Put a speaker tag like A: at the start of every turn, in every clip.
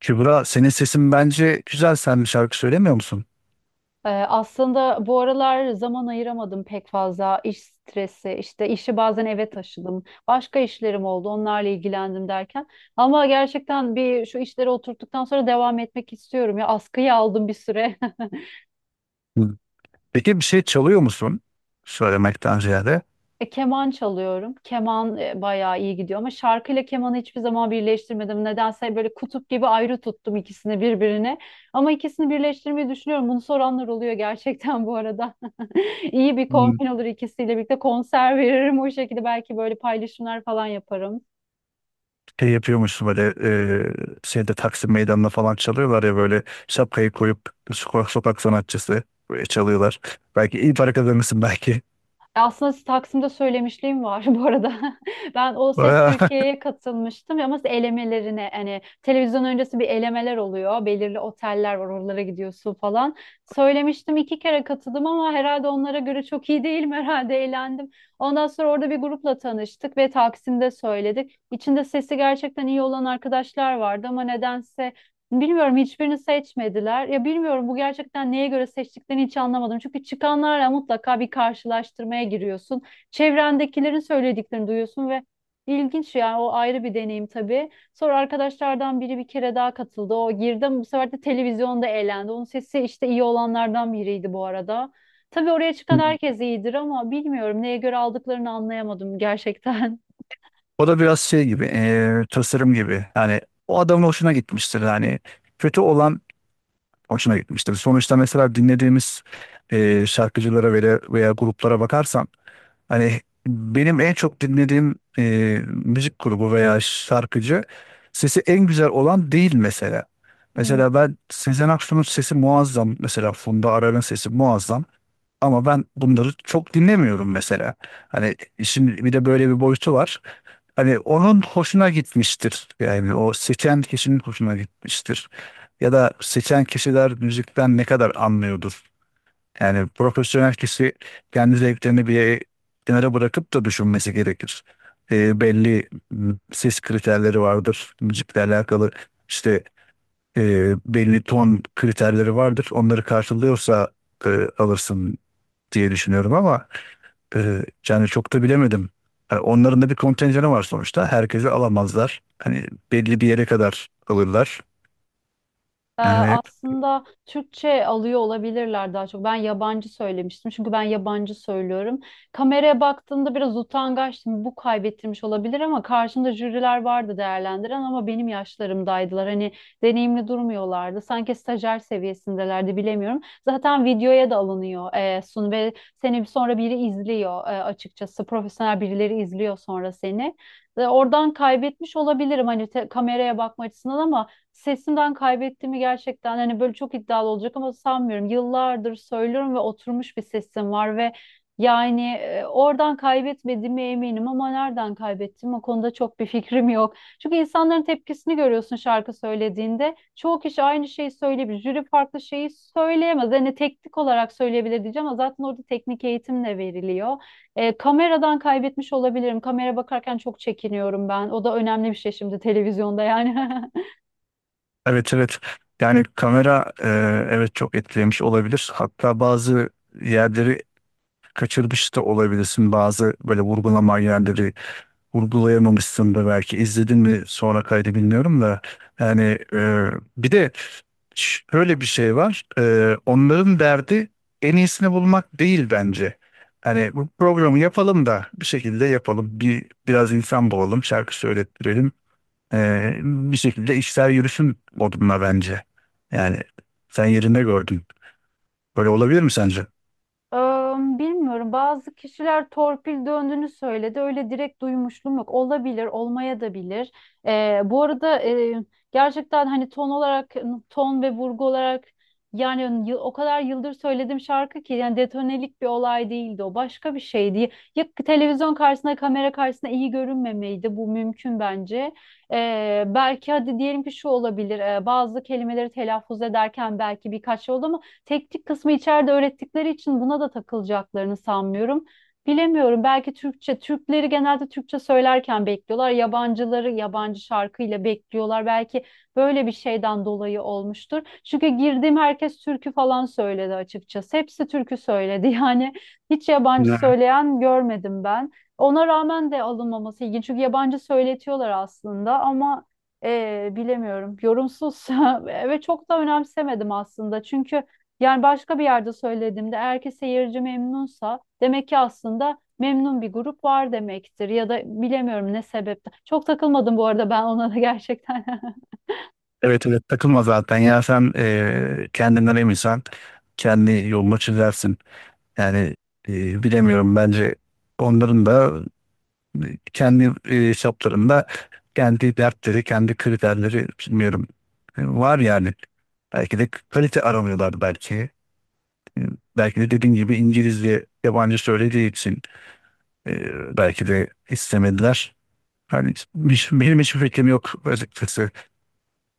A: Kübra, senin sesin bence güzel. Sen bir şarkı söylemiyor musun?
B: Aslında bu aralar zaman ayıramadım pek fazla iş stresi işte işi bazen eve taşıdım başka işlerim oldu onlarla ilgilendim derken ama gerçekten bir şu işleri oturttuktan sonra devam etmek istiyorum ya askıyı aldım bir süre.
A: Hı. Peki bir şey çalıyor musun? Söylemekten ziyade.
B: Keman çalıyorum. Keman bayağı iyi gidiyor ama şarkıyla kemanı hiçbir zaman birleştirmedim. Nedense böyle kutup gibi ayrı tuttum ikisini birbirine. Ama ikisini birleştirmeyi düşünüyorum. Bunu soranlar oluyor gerçekten bu arada. İyi bir
A: Hmm.
B: kombin olur, ikisiyle birlikte konser veririm o şekilde, belki böyle paylaşımlar falan yaparım.
A: Şey yapıyormuşsun böyle, e, şeyde Taksim Meydanı'nda falan çalıyorlar ya, böyle şapkayı koyup sokak, sokak sanatçısı böyle çalıyorlar. Belki iyi para kazanırsın belki.
B: Aslında Taksim'de söylemişliğim var bu arada. Ben O Ses
A: Bayağı-
B: Türkiye'ye katılmıştım ama elemelerine, hani televizyon öncesi bir elemeler oluyor. Belirli oteller var, oralara gidiyorsun falan. Söylemiştim, iki kere katıldım ama herhalde onlara göre çok iyi değilim herhalde, eğlendim. Ondan sonra orada bir grupla tanıştık ve Taksim'de söyledik. İçinde sesi gerçekten iyi olan arkadaşlar vardı ama nedense bilmiyorum hiçbirini seçmediler. Ya bilmiyorum, bu gerçekten neye göre seçtiklerini hiç anlamadım. Çünkü çıkanlarla mutlaka bir karşılaştırmaya giriyorsun. Çevrendekilerin söylediklerini duyuyorsun ve ilginç yani, o ayrı bir deneyim tabii. Sonra arkadaşlardan biri bir kere daha katıldı. O girdi ama bu sefer de televizyonda eğlendi. Onun sesi işte iyi olanlardan biriydi bu arada. Tabii oraya çıkan
A: Hmm.
B: herkes iyidir ama bilmiyorum neye göre aldıklarını anlayamadım gerçekten.
A: O da biraz şey gibi, tasarım gibi. Yani o adamın hoşuna gitmiştir. Yani kötü olan hoşuna gitmiştir. Sonuçta mesela dinlediğimiz şarkıcılara veya gruplara bakarsan, hani benim en çok dinlediğim müzik grubu veya şarkıcı sesi en güzel olan değil mesela. Mesela ben Sezen Aksu'nun sesi muazzam. Mesela Funda Arar'ın sesi muazzam. Ama ben bunları çok dinlemiyorum mesela. Hani şimdi bir de böyle bir boyutu var. Hani onun hoşuna gitmiştir. Yani o seçen kişinin hoşuna gitmiştir ya da seçen kişiler müzikten ne kadar anlıyordur? Yani profesyonel kişi kendi zevklerini bir kenara bırakıp da düşünmesi gerekir. E, belli m, Ses kriterleri vardır müzikle alakalı. İşte belli ton kriterleri vardır. Onları karşılıyorsa e, alırsın diye düşünüyorum ama yani çok da bilemedim. Yani onların da bir kontenjanı var sonuçta. Herkesi alamazlar. Hani belli bir yere kadar alırlar.
B: Ee,
A: Yani.
B: aslında Türkçe alıyor olabilirler daha çok. Ben yabancı söylemiştim çünkü ben yabancı söylüyorum. Kameraya baktığımda biraz utangaçtım. Bu kaybettirmiş olabilir ama karşımda jüriler vardı değerlendiren ama benim yaşlarımdaydılar. Hani deneyimli durmuyorlardı. Sanki stajyer seviyesindelerdi, bilemiyorum. Zaten videoya da alınıyor sun ve seni sonra biri izliyor, açıkçası. Profesyonel birileri izliyor sonra seni. Ve oradan kaybetmiş olabilirim, hani kameraya bakma açısından ama sesimden kaybettiğimi gerçekten, hani böyle çok iddialı olacak ama, sanmıyorum. Yıllardır söylüyorum ve oturmuş bir sesim var ve yani oradan kaybetmediğime eminim ama nereden kaybettim, o konuda çok bir fikrim yok. Çünkü insanların tepkisini görüyorsun şarkı söylediğinde. Çoğu kişi aynı şeyi söyleyebilir. Jüri farklı şeyi söyleyemez. Hani teknik olarak söyleyebilir diyeceğim ama zaten orada teknik eğitim de veriliyor. Kameradan kaybetmiş olabilirim. Kamera bakarken çok çekiniyorum ben. O da önemli bir şey şimdi televizyonda yani.
A: Evet, evet. Yani kamera, evet, çok etkilemiş olabilir. Hatta bazı yerleri kaçırmış da olabilirsin. Bazı böyle vurgulama yerleri vurgulayamamışsın da belki. İzledin mi sonra kaydı bilmiyorum da. Yani e, bir de şöyle bir şey var. E, onların derdi en iyisini bulmak değil bence. Hani bu programı yapalım da bir şekilde yapalım. Biraz insan bulalım, şarkı söylettirelim. Bir şekilde işler yürüsün modunda bence. Yani sen yerinde gördün. Böyle olabilir mi sence?
B: Eee, Bilmiyorum. Bazı kişiler torpil döndüğünü söyledi. Öyle direkt duymuşluğum yok. Olabilir, olmaya da bilir. Bu arada, gerçekten hani ton olarak, ton ve vurgu olarak, yani o kadar yıldır söylediğim şarkı ki, yani detonelik bir olay değildi o. Başka bir şeydi. Ya televizyon karşısında, kamera karşısında iyi görünmemeydi. Bu mümkün bence. Belki hadi diyelim ki şu olabilir. Bazı kelimeleri telaffuz ederken belki birkaç yolda, teknik kısmı içeride öğrettikleri için buna da takılacaklarını sanmıyorum. Bilemiyorum. Belki Türkçe, Türkleri genelde Türkçe söylerken bekliyorlar. Yabancıları yabancı şarkıyla bekliyorlar. Belki böyle bir şeyden dolayı olmuştur. Çünkü girdiğim herkes türkü falan söyledi açıkçası. Hepsi türkü söyledi. Yani hiç yabancı
A: Yani.
B: söyleyen görmedim ben. Ona rağmen de alınmaması ilginç. Çünkü yabancı söyletiyorlar aslında ama bilemiyorum. Yorumsuz ve çok da önemsemedim aslında. Çünkü yani başka bir yerde söylediğimde, eğer ki seyirci memnunsa demek ki aslında memnun bir grup var demektir ya da bilemiyorum ne sebepten. Çok takılmadım bu arada ben ona da gerçekten.
A: Evet, evet, takılma zaten. Ya sen kendinden eminsen kendi yolunu çizersin. Yani bilemiyorum, bence onların da kendi hesaplarında kendi dertleri, kendi kriterleri, bilmiyorum. E, var yani. Belki de kalite aramıyorlar belki. E, Belki de dediğin gibi İngilizce yabancı söylediği için belki de istemediler. Hani hiç- benim hiçbir fikrim yok açıkçası.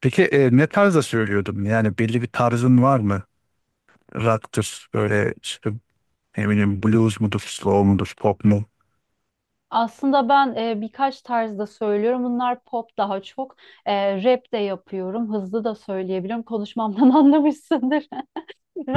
A: Peki ne tarzda söylüyordum? Yani belli bir tarzın var mı? Rock'tır, böyle işte ne bileyim, blues mudur, slow mudur, pop mu?
B: Aslında ben birkaç tarzda söylüyorum. Bunlar pop daha çok. Rap de yapıyorum. Hızlı da söyleyebiliyorum. Konuşmamdan anlamışsındır.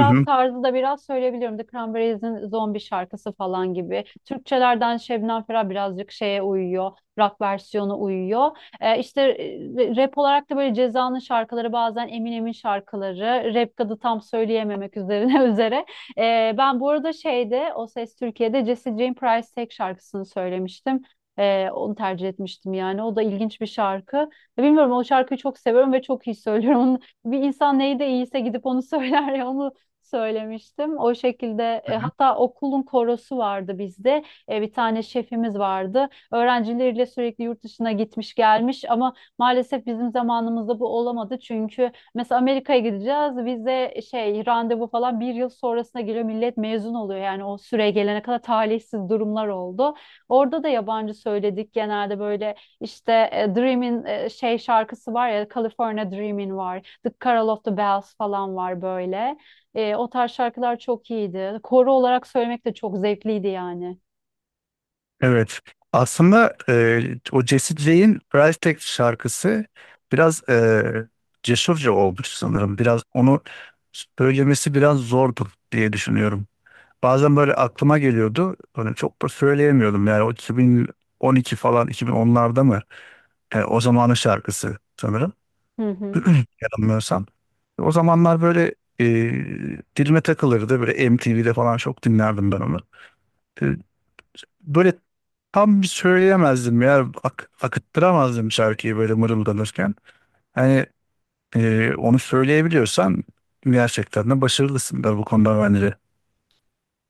A: Hı hı.
B: tarzı da biraz söyleyebilirim. The Cranberries'in Zombi şarkısı falan gibi. Türkçelerden Şebnem Ferah birazcık şeye uyuyor. Rock versiyonu uyuyor. İşte e, rap olarak da böyle Ceza'nın şarkıları, bazen Eminem'in şarkıları. Rap kadı tam söyleyememek üzerine üzere. Ben bu arada şeyde O Ses Türkiye'de Jessie Jane Price tek şarkısını söylemiştim. Onu tercih etmiştim yani. O da ilginç bir şarkı. Bilmiyorum, o şarkıyı çok seviyorum ve çok iyi söylüyorum. Bir insan neyi de iyiyse gidip onu söyler ya, onu söylemiştim. O şekilde, hatta okulun korosu vardı bizde. Bir tane şefimiz vardı. Öğrencileriyle sürekli yurt dışına gitmiş gelmiş ama maalesef bizim zamanımızda bu olamadı. Çünkü mesela Amerika'ya gideceğiz. Vize şey randevu falan bir yıl sonrasına geliyor. Millet mezun oluyor. Yani o süre gelene kadar talihsiz durumlar oldu. Orada da yabancı söyledik genelde, böyle işte Dream'in şey şarkısı var ya, California Dreamin' var. The Carol of the Bells falan var böyle. O tarz şarkılar çok iyiydi. Koro olarak söylemek de çok zevkliydi yani.
A: Evet. Aslında o Jesse J'in Price Tag şarkısı biraz cesurca olmuş sanırım. Biraz onu söylemesi biraz zordu diye düşünüyorum. Bazen böyle aklıma geliyordu. Hani çok da söyleyemiyordum. Yani o 2012 falan, 2010'larda mı? Yani o zamanın şarkısı sanırım.
B: Hı hı.
A: Yanılmıyorsam. O zamanlar böyle dilime takılırdı. Böyle MTV'de falan çok dinlerdim ben onu, böyle tam söyleyemezdim ya. Ak- akıttıramazdım şarkıyı böyle mırıldanırken. Hani onu söyleyebiliyorsan gerçekten de başarılısın da bu konuda bence.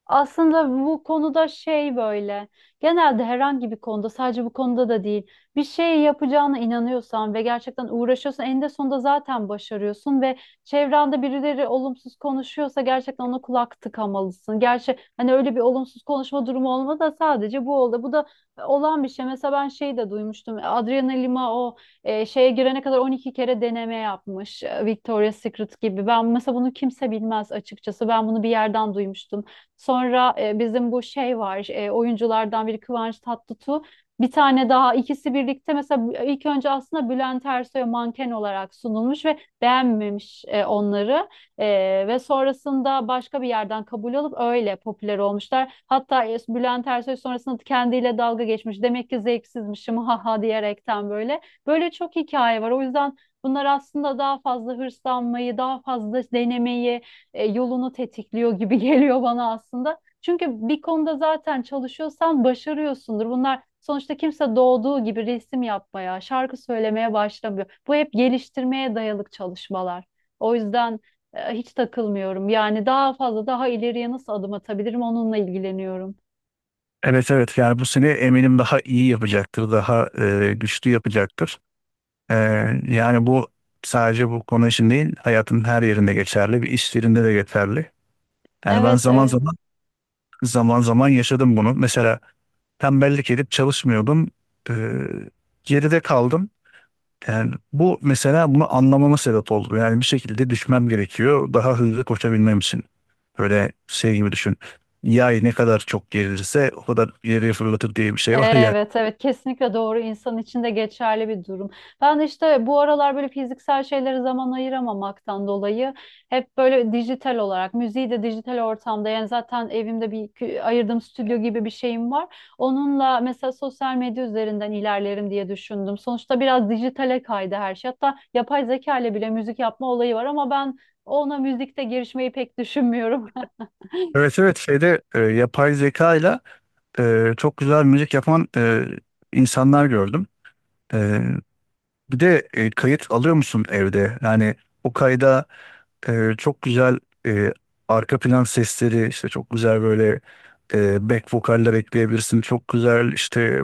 B: Aslında bu konuda şey böyle genelde, herhangi bir konuda, sadece bu konuda da değil, bir şey yapacağına inanıyorsan ve gerçekten uğraşıyorsan eninde sonunda zaten başarıyorsun ve çevrende birileri olumsuz konuşuyorsa gerçekten ona kulak tıkamalısın. Gerçi hani öyle bir olumsuz konuşma durumu olmadı da sadece bu oldu. Bu da olan bir şey. Mesela ben şeyi de duymuştum. Adriana Lima o şeye girene kadar 12 kere deneme yapmış. Victoria's Secret gibi. Ben mesela bunu kimse bilmez açıkçası. Ben bunu bir yerden duymuştum. Sonra bizim bu şey var, oyunculardan biri Kıvanç Tatlıtuğ. Bir tane daha, ikisi birlikte mesela ilk önce aslında Bülent Ersoy'a manken olarak sunulmuş ve beğenmemiş onları. E, Ve sonrasında başka bir yerden kabul alıp öyle popüler olmuşlar. Hatta Bülent Ersoy sonrasında kendiyle dalga geçmiş. Demek ki zevksizmişim ha ha, diyerekten böyle. Böyle çok hikaye var. O yüzden bunlar aslında daha fazla hırslanmayı, daha fazla denemeyi yolunu tetikliyor gibi geliyor bana aslında. Çünkü bir konuda zaten çalışıyorsan başarıyorsundur. Bunlar sonuçta, kimse doğduğu gibi resim yapmaya, şarkı söylemeye başlamıyor. Bu hep geliştirmeye dayalı çalışmalar. O yüzden hiç takılmıyorum. Yani daha fazla, daha ileriye nasıl adım atabilirim onunla ilgileniyorum.
A: Evet, evet, yani bu seni eminim daha iyi yapacaktır, daha güçlü yapacaktır. E, Yani bu sadece bu konu için değil, hayatın her yerinde geçerli, bir iş yerinde de geçerli. Yani ben
B: Evet,
A: zaman
B: evet.
A: zaman yaşadım bunu. Mesela tembellik edip çalışmıyordum. E, geride kaldım. Yani bu mesela bunu anlamama sebep oldu. Yani bir şekilde düşmem gerekiyor. Daha hızlı koşabilmem için. Böyle şey gibi düşün. Yay ne kadar çok gerilirse o kadar ileriye fırlatır diye bir şey var ya.
B: Evet, evet, kesinlikle doğru, insan için de geçerli bir durum. Ben de işte bu aralar böyle fiziksel şeylere zaman ayıramamaktan dolayı hep böyle dijital olarak, müziği de dijital ortamda, yani zaten evimde bir ayırdığım stüdyo gibi bir şeyim var. Onunla mesela sosyal medya üzerinden ilerlerim diye düşündüm. Sonuçta biraz dijitale kaydı her şey. Hatta yapay zeka ile bile müzik yapma olayı var ama ben ona müzikte girişmeyi pek düşünmüyorum.
A: Evet, evet, şeyde yapay zeka ile çok güzel müzik yapan insanlar gördüm. E, Bir de kayıt alıyor musun evde? Yani o kayda çok güzel e, arka plan sesleri, işte çok güzel böyle back vokaller ekleyebilirsin. Çok güzel işte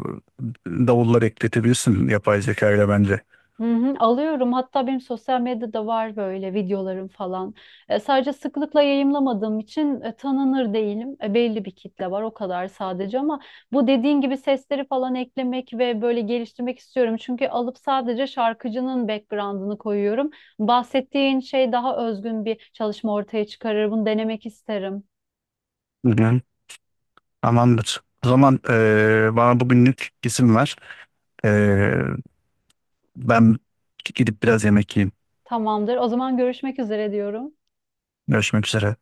A: davullar ekletebilirsin yapay zeka ile bence.
B: Hı hı, alıyorum. Hatta benim sosyal medyada var böyle videolarım falan. Sadece sıklıkla yayımlamadığım için tanınır değilim. Belli bir kitle var o kadar sadece ama bu dediğin gibi sesleri falan eklemek ve böyle geliştirmek istiyorum. Çünkü alıp sadece şarkıcının background'ını koyuyorum. Bahsettiğin şey daha özgün bir çalışma ortaya çıkarır. Bunu denemek isterim.
A: Hı hı. Tamamdır. O zaman bana bugünlük izin ver. Ee, Ben gidip biraz yemek yiyeyim.
B: Tamamdır. O zaman görüşmek üzere diyorum.
A: Görüşmek üzere.